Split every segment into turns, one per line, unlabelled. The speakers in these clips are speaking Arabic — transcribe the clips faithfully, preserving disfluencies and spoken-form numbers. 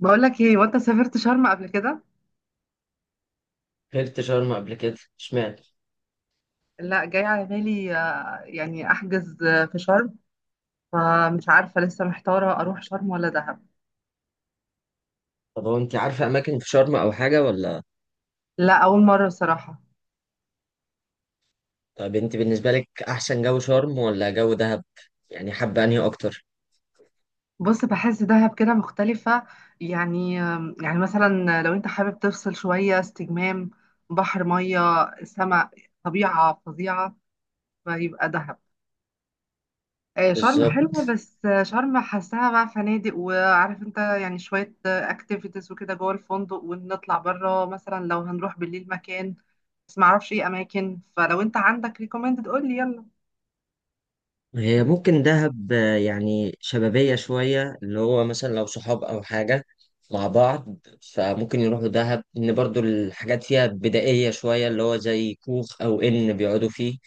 بقول لك ايه، وانت سافرت شرم قبل كده؟
سافرت شرم قبل كده، اشمعنى؟
لا، جاي على بالي، آه، يعني احجز، آه، في شرم. فمش عارفه، لسه محتاره اروح شرم ولا دهب.
طب هو انت عارفه اماكن في شرم او حاجه ولا؟
لا، اول مره صراحه.
طب انت بالنسبه لك، احسن جو شرم ولا جو دهب؟ يعني حابه انهي اكتر؟
بص، بحس دهب كده مختلفه. يعني آم، يعني مثلا لو انت حابب تفصل شويه استجمام، بحر، ميه، سماء، طبيعه فظيعه، فيبقى دهب. آه، شرم حلوة،
بالظبط.
بس آه، شرم حاساها بقى فنادق، وعارف انت يعني شوية اكتيفيتيز وكده جوه الفندق، ونطلع بره مثلا لو هنروح بالليل مكان. بس معرفش ايه اماكن، فلو انت عندك ريكومندد قول لي يلا.
هي ممكن دهب، آه، يعني شبابيه شويه اللي هو مثلا لو صحاب او حاجه مع بعض، فممكن يروحوا دهب ان برضو الحاجات فيها بدائيه شويه اللي هو زي كوخ او ان بيقعدوا فيه.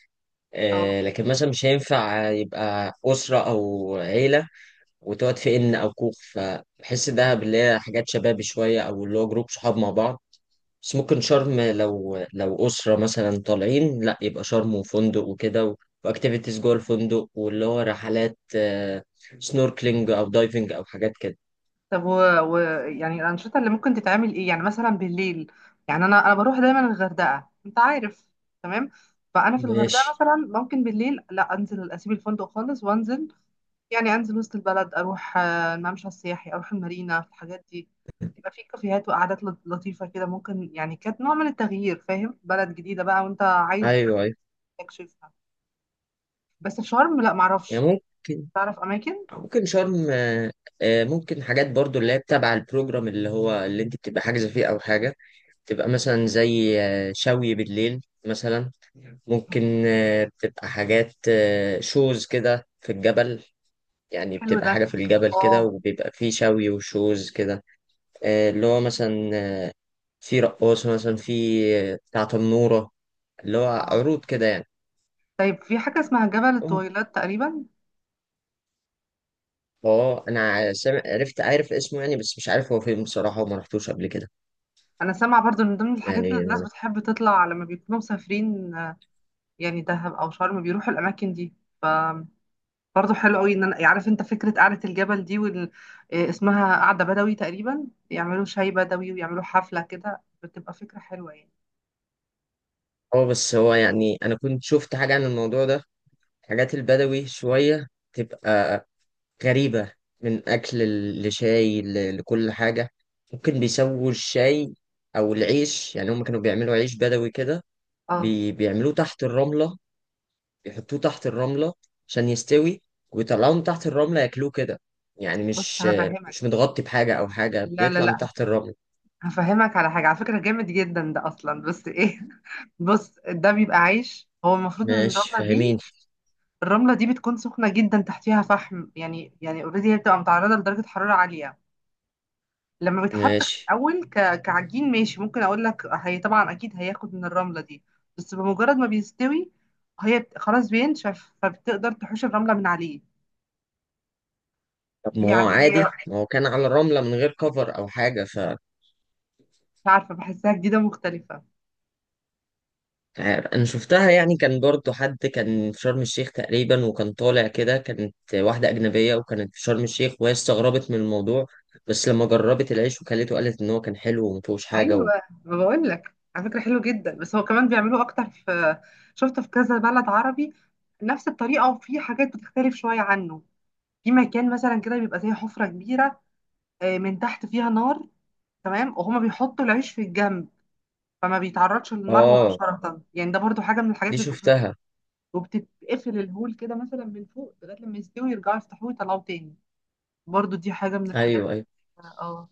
اه.
آه، لكن مثلا مش هينفع يبقى اسره او عيله وتقعد في ان او كوخ، فبحس دهب اللي هي حاجات شبابي شويه او اللي هو جروب صحاب مع بعض. بس ممكن شرم، لو لو اسره مثلا طالعين، لا يبقى شرم وفندق وكده و- واكتيفيتيز جوه الفندق، واللي هو رحلات، آه، سنوركلينج او دايفنج او حاجات كده.
طب و... و... يعني الانشطة اللي ممكن تتعمل ايه، يعني مثلا بالليل؟ يعني انا انا بروح دايما الغردقة، انت عارف. تمام. فانا في الغردقة
ماشي.
مثلا، ممكن بالليل لا، انزل اسيب الفندق خالص وانزل. يعني انزل وسط البلد، اروح آه، الممشى السياحي، اروح المارينا، في الحاجات دي. يبقى في كافيهات وقعدات لط- لطيفه كده، ممكن يعني كانت نوع من التغيير، فاهم، بلد جديده بقى وانت عايز
ايوه، ايوه.
تكشفها. بس في شرم لا، معرفش
يعني ممكن
تعرف اماكن.
ممكن شرم. آه، آه، ممكن حاجات برضو اللي هي تبع البروجرام، اللي هو اللي انت بتبقى حاجزه فيه او حاجه، تبقى مثلا زي آه، شوي بالليل مثلا. ممكن آه، بتبقى حاجات آه، شوز كده في الجبل، يعني
حلو
بتبقى
ده.
حاجة في الجبل كده
اه.
وبيبقى فيه شوي وشوز كده. آه، اللي هو مثلا، آه، في رقاصة مثلا، في آه، بتاع تنورة، اللي هو
اه.
عروض كده يعني.
طيب في حاجه اسمها جبل
أم-
الطويلات تقريبا.
اه، انا سامع، عرفت، عارف اسمه يعني، بس مش عارف هو فين بصراحة، وما رحتوش قبل كده.
انا سامعه برضو ان من ضمن الحاجات اللي
يعني
الناس
انا.
بتحب تطلع لما بيكونوا مسافرين، آه، يعني دهب او شرم بيروحوا الاماكن دي. برضه حلو قوي، ان انا يعني عارف انت فكره قعده الجبل دي وال... آه، اسمها قعده بدوي تقريبا، يعملوا شاي بدوي ويعملوا حفله كده، بتبقى فكره حلوه يعني.
اه، بس هو يعني انا كنت شفت حاجة عن الموضوع ده. حاجات البدوي شوية تبقى غريبة، من أكل ل- لشاي ل- لكل حاجة. ممكن بيسووا الشاي أو العيش، يعني هم كانوا بيعملوا عيش بدوي كده،
اه.
بي... بيعملوه تحت الرملة، بيحطوه تحت الرملة عشان يستوي، ويطلعوه من تحت الرملة ياكلوه كده. يعني
بص
مش
هفهمك.
مش متغطي بحاجة أو حاجة،
لا، لا،
بيطلع من
لا،
تحت الرملة.
هفهمك على حاجه، على فكره جامد جدا ده اصلا، بس ايه بص، ده بيبقى عيش، هو المفروض ان
ماشي،
الرمله دي
فاهمين.
الرمله دي بتكون سخنه جدا، تحتيها فحم، يعني يعني اوريدي هي بتبقى متعرضه لدرجه حراره عاليه. لما بيتحط في
ماشي.
الاول ك... كعجين، ماشي، ممكن اقول لك هي طبعا اكيد هياخد من الرمله دي. بس بمجرد ما بيستوي هي بت- خلاص بينشف، فبتقدر تحوش الرمله من عليه.
طب ما هو
يعني
عادي،
هي
ما هو كان على الرملة من غير كفر أو حاجة.
مش عارفه، بحسها جديده مختلفه.
مش عارف، انا شفتها يعني، كان برضو حد كان في شرم الشيخ تقريبا وكان طالع كده، كانت واحدة أجنبية وكانت في شرم الشيخ وهي استغربت من الموضوع، بس لما جربت العيش وكلته قالت إن هو كان حلو ومفيهوش حاجة
ايوه،
و...
ما بقول لك على فكره حلو جدا، بس هو كمان بيعملوه اكتر في، شفته في كذا بلد عربي نفس الطريقه، وفي حاجات بتختلف شويه عنه. في مكان مثلا كده بيبقى زي حفره كبيره، آه، من تحت فيها نار، تمام، وهما بيحطوا العيش في الجنب، فما بيتعرضش للنار، اه،
آه،
مباشرة. يعني ده برضو حاجة من الحاجات
دي
اللي بتبقى،
شفتها.
وبتتقفل الهول كده مثلا من فوق لغاية لما يستوي، يرجعوا يفتحوه ويطلعوه تاني. برضو دي حاجة من الحاجات.
أيوه، أيوه.
اه.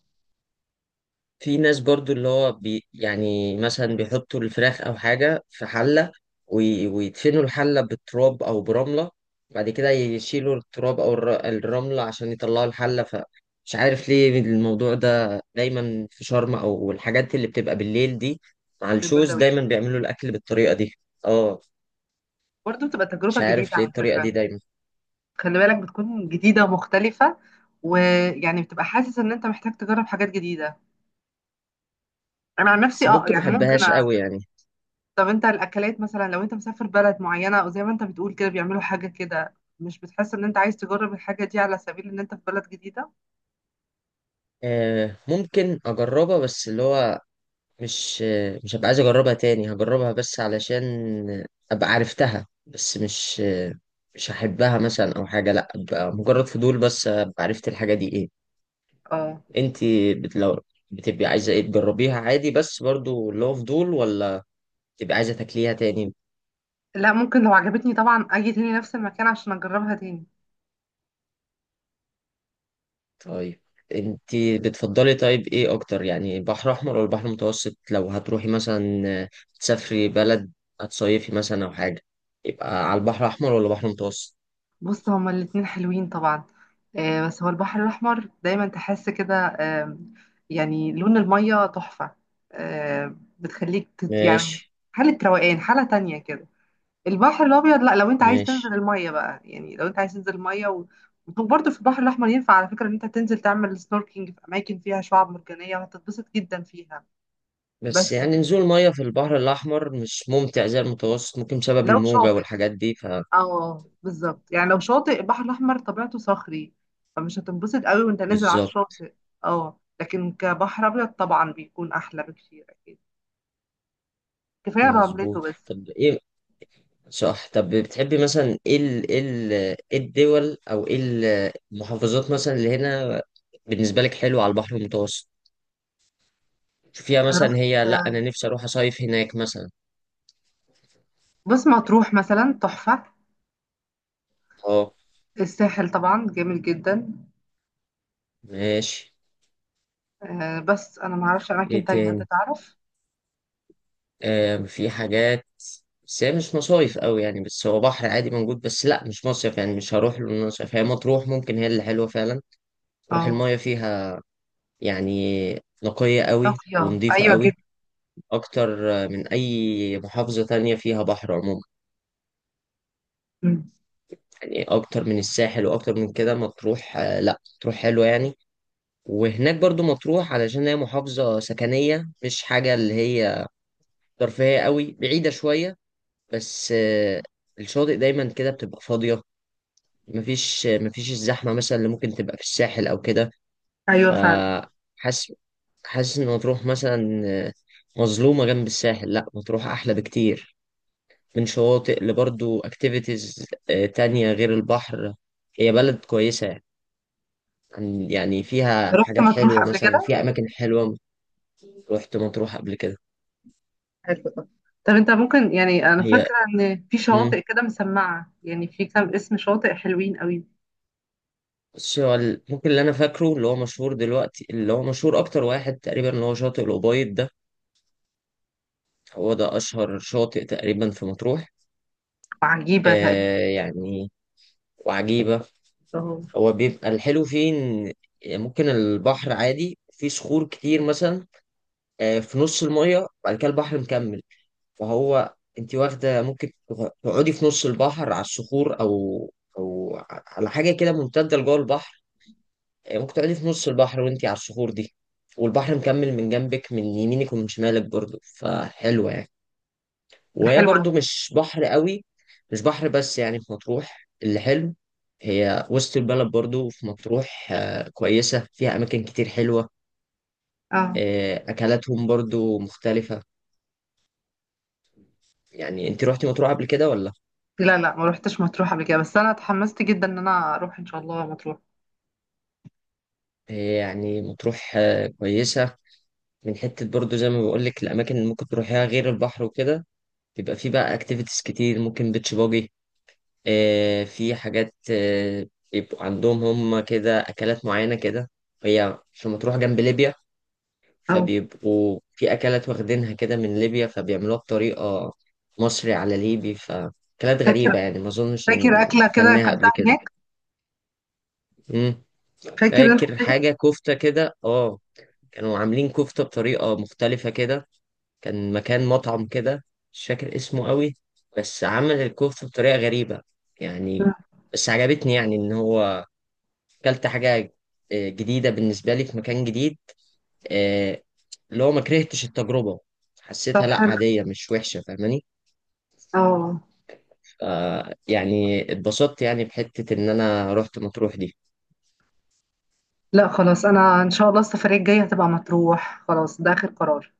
في ناس برضو اللي هو بي يعني مثلا بيحطوا الفراخ او حاجة في حلة، وي- ويدفنوا الحلة بالتراب او برملة، بعد كده يشيلوا التراب او الر- الرملة عشان يطلعوا الحلة. فمش عارف ليه الموضوع ده دايما في شرم، او الحاجات اللي بتبقى بالليل دي مع الشوز
البدوي.
دايما بيعملوا الاكل بالطريقة دي. اه.
برضو بتبقى تجربة
مش
جديدة
عارف ليه
على
الطريقة
فكرة.
دي دايما.
خلي بالك بتكون جديدة ومختلفة، ويعني بتبقى حاسس ان انت محتاج تجرب حاجات جديدة. انا عن
بس
نفسي اه،
ممكن ما
يعني ممكن
احبهاش
أ...
قوي يعني.
طب انت الاكلات مثلا، لو انت مسافر بلد معينة، او زي ما انت بتقول كده بيعملوا حاجة كده، مش بتحس ان انت عايز تجرب الحاجة دي على سبيل ان انت في بلد جديدة؟
آه، ممكن اجربها، بس اللي هو مش مش هبقى عايز اجربها تاني، هجربها بس علشان ابقى عرفتها، بس مش مش هحبها مثلا او حاجه، لا ابقى مجرد فضول، بس ابقى عرفت الحاجه دي ايه.
اه.
انت بت- لو بتبقي عايزه ايه تجربيها عادي، بس برضو اللي هو فضول، ولا بتبقي عايزه تاكليها تاني؟
لا، ممكن لو عجبتني طبعا اجي تاني نفس المكان عشان اجربها تاني.
طيب. انت بتفضلي، طيب ايه اكتر يعني، بحر احمر ولا بحر متوسط، لو هتروحي مثلا تسافري بلد، هتصيفي مثلا او حاجه، يبقى على البحر الاحمر ولا بحر متوسط؟
بص، هما الاتنين حلوين طبعا. آه، بس هو البحر الاحمر دايما تحس كده، آه يعني لون المية تحفة، آه بتخليك تت يعني
ماشي.
حالة روقان، حالة تانية كده. البحر الابيض لا، لو انت عايز تنزل
ماشي.
المية بقى، يعني لو انت عايز تنزل المية، و... وبرضه في البحر الاحمر ينفع على فكرة ان انت تنزل تعمل سنوركينج في اماكن فيها شعاب مرجانية، وهتتبسط جدا فيها.
بس
بس
يعني نزول مية في البحر الأحمر مش ممتع زي المتوسط، ممكن بسبب
لو
الموجة
شاطئ
والحاجات دي.
اه، بالظبط، يعني لو شاطئ البحر الاحمر طبيعته صخري، فمش هتنبسط قوي وانت نازل على
فبالظبط.
الشاطئ. اه، لكن كبحر ابيض طبعا بيكون احلى بكتير اكيد، كفايه رملته
مظبوط.
بس.
طب إيه، صح. طب بتحبي مثلا إيه ال إيه ال إيه الدول، أو إيه ال- المحافظات مثلا اللي هنا بالنسبة لك حلوة على البحر المتوسط، شوفيها
أنا
مثلا
رحت.
هي، لأ أنا نفسي أروح أصيف هناك مثلا.
بص، مطروح مثلا تحفه،
أه.
الساحل طبعا جميل جدا.
ماشي.
آه بس انا ما اعرفش اماكن
إيه
تانية، انت
تاني؟
تعرف.
آم، في حاجات، بس هي مش مصايف قوي يعني، بس هو بحر عادي موجود، بس لا مش مصيف، يعني مش هروح له إن أنا مصيف. هي مطروح ممكن هي اللي حلوه فعلا، تروح
اه.
المايه فيها، يعني نقيه قوي
طافيه،
ونظيفه
ايوه
قوي،
جدا.
اكتر آه، من اي محافظه تانية فيها بحر عموما،
مم.
يعني اكتر من الساحل، واكتر من كده مطروح، آه، لا مطروح حلوه يعني. وهناك برضو مطروح، علشان هي محافظه سكنيه، مش حاجه اللي هي ترفيهيه قوي، بعيده شويه، بس آه، الشاطئ دايما كده بتبقى فاضيه، مفيش مفيش الزحمة مثلا اللي ممكن تبقى في الساحل أو كده.
ايوه فعلا.
فحاسس حاسس إن مطروح مثلا مظلومة جنب الساحل، لأ مطروح أحلى بكتير من شواطئ، لبرضو أكتيفيتيز تانية غير البحر، هي بلد كويسة يعني، عن- يعني فيها
رحت
حاجات
مطروح
حلوة
قبل
مثلا،
كده.
فيها أماكن حلوة. رحت مطروح قبل كده.
حلو ده. طب انت ممكن، يعني انا
هي.
فاكره ان في
مم.
شواطئ كده مسمعه، يعني في كام اسم شواطئ حلوين قوي.
بس هو ال- ممكن اللي أنا فاكره اللي هو مشهور دلوقتي، اللي هو مشهور أكتر واحد تقريبا، اللي هو شاطئ الأبيض ده، هو ده أشهر شاطئ تقريبا في مطروح.
وعجيبه تقريبا.
آه يعني، وعجيبة.
اهو.
هو بيبقى الحلو فيه إن ممكن البحر عادي فيه صخور كتير مثلا، آه في نص المية، وبعد كده البحر مكمل. فهو أنت واخدة، ممكن تغ- تقعدي في نص البحر على الصخور، أو أو ع- على حاجة كده ممتدة لجوه البحر. آه ممكن تقعدي في نص البحر وأنت على الصخور دي، والبحر مكمل من جنبك، من يمينك ومن شمالك برضه، فحلوة يعني.
ده
وهي
حلو قوي.
برضو مش بحر قوي، مش بحر، بس يعني في مطروح اللي حلو هي وسط البلد برضو. في مطروح آه، كويسة، فيها أماكن كتير حلوة.
اه.
آه، أكلاتهم برضو مختلفة. يعني أنت روحتي مطروح قبل كده ولا؟
لا، لا، ما روحتش مطروح قبل كده، بس انا اتحمست جدا ان انا اروح ان شاء الله مطروح.
آه، يعني مطروح آه، كويسة، من حتة برضو زي ما بقولك الأماكن اللي ممكن تروحيها غير البحر وكده، بيبقى فيه بقى أكتيفيتيز كتير، ممكن بيتش باجي، آه، في حاجات آه، يبقوا عندهم هم كده أكلات معينة كده. هي في مطروح جنب ليبيا،
اه.
فبيبقوا في أكلات واخدينها كده من ليبيا، فبيعملوها بطريقة مصري على ليبي، فأكلات
فاكر،
غريبة يعني، ما أظنش إن
فاكر اكله كده
كلناها قبل
اكلتها
كده.
هناك.
مم.
فاكر انت
فاكر
حاجه؟
حاجة كفتة كده، اه. كانوا عاملين كفتة بطريقة مختلفة كده، كان مكان مطعم كده، مش فاكر اسمه قوي، بس عمل الكفتة بطريقة غريبة
مم.
يعني. بس عجبتني، يعني إن هو أكلت حاجة آه، جديدة بالنسبة لي في مكان جديد، آه، اللي هو ما كرهتش التجربة،
طب
حسيتها لا
حلو.
عادية مش وحشة، فاهماني؟
اه.
ف- يعني اتبسطت يعني بحتة ان انا رحت مطروح دي.
لا خلاص، انا ان شاء الله السفريه الجايه هتبقى مطروح، خلاص ده اخر قرار.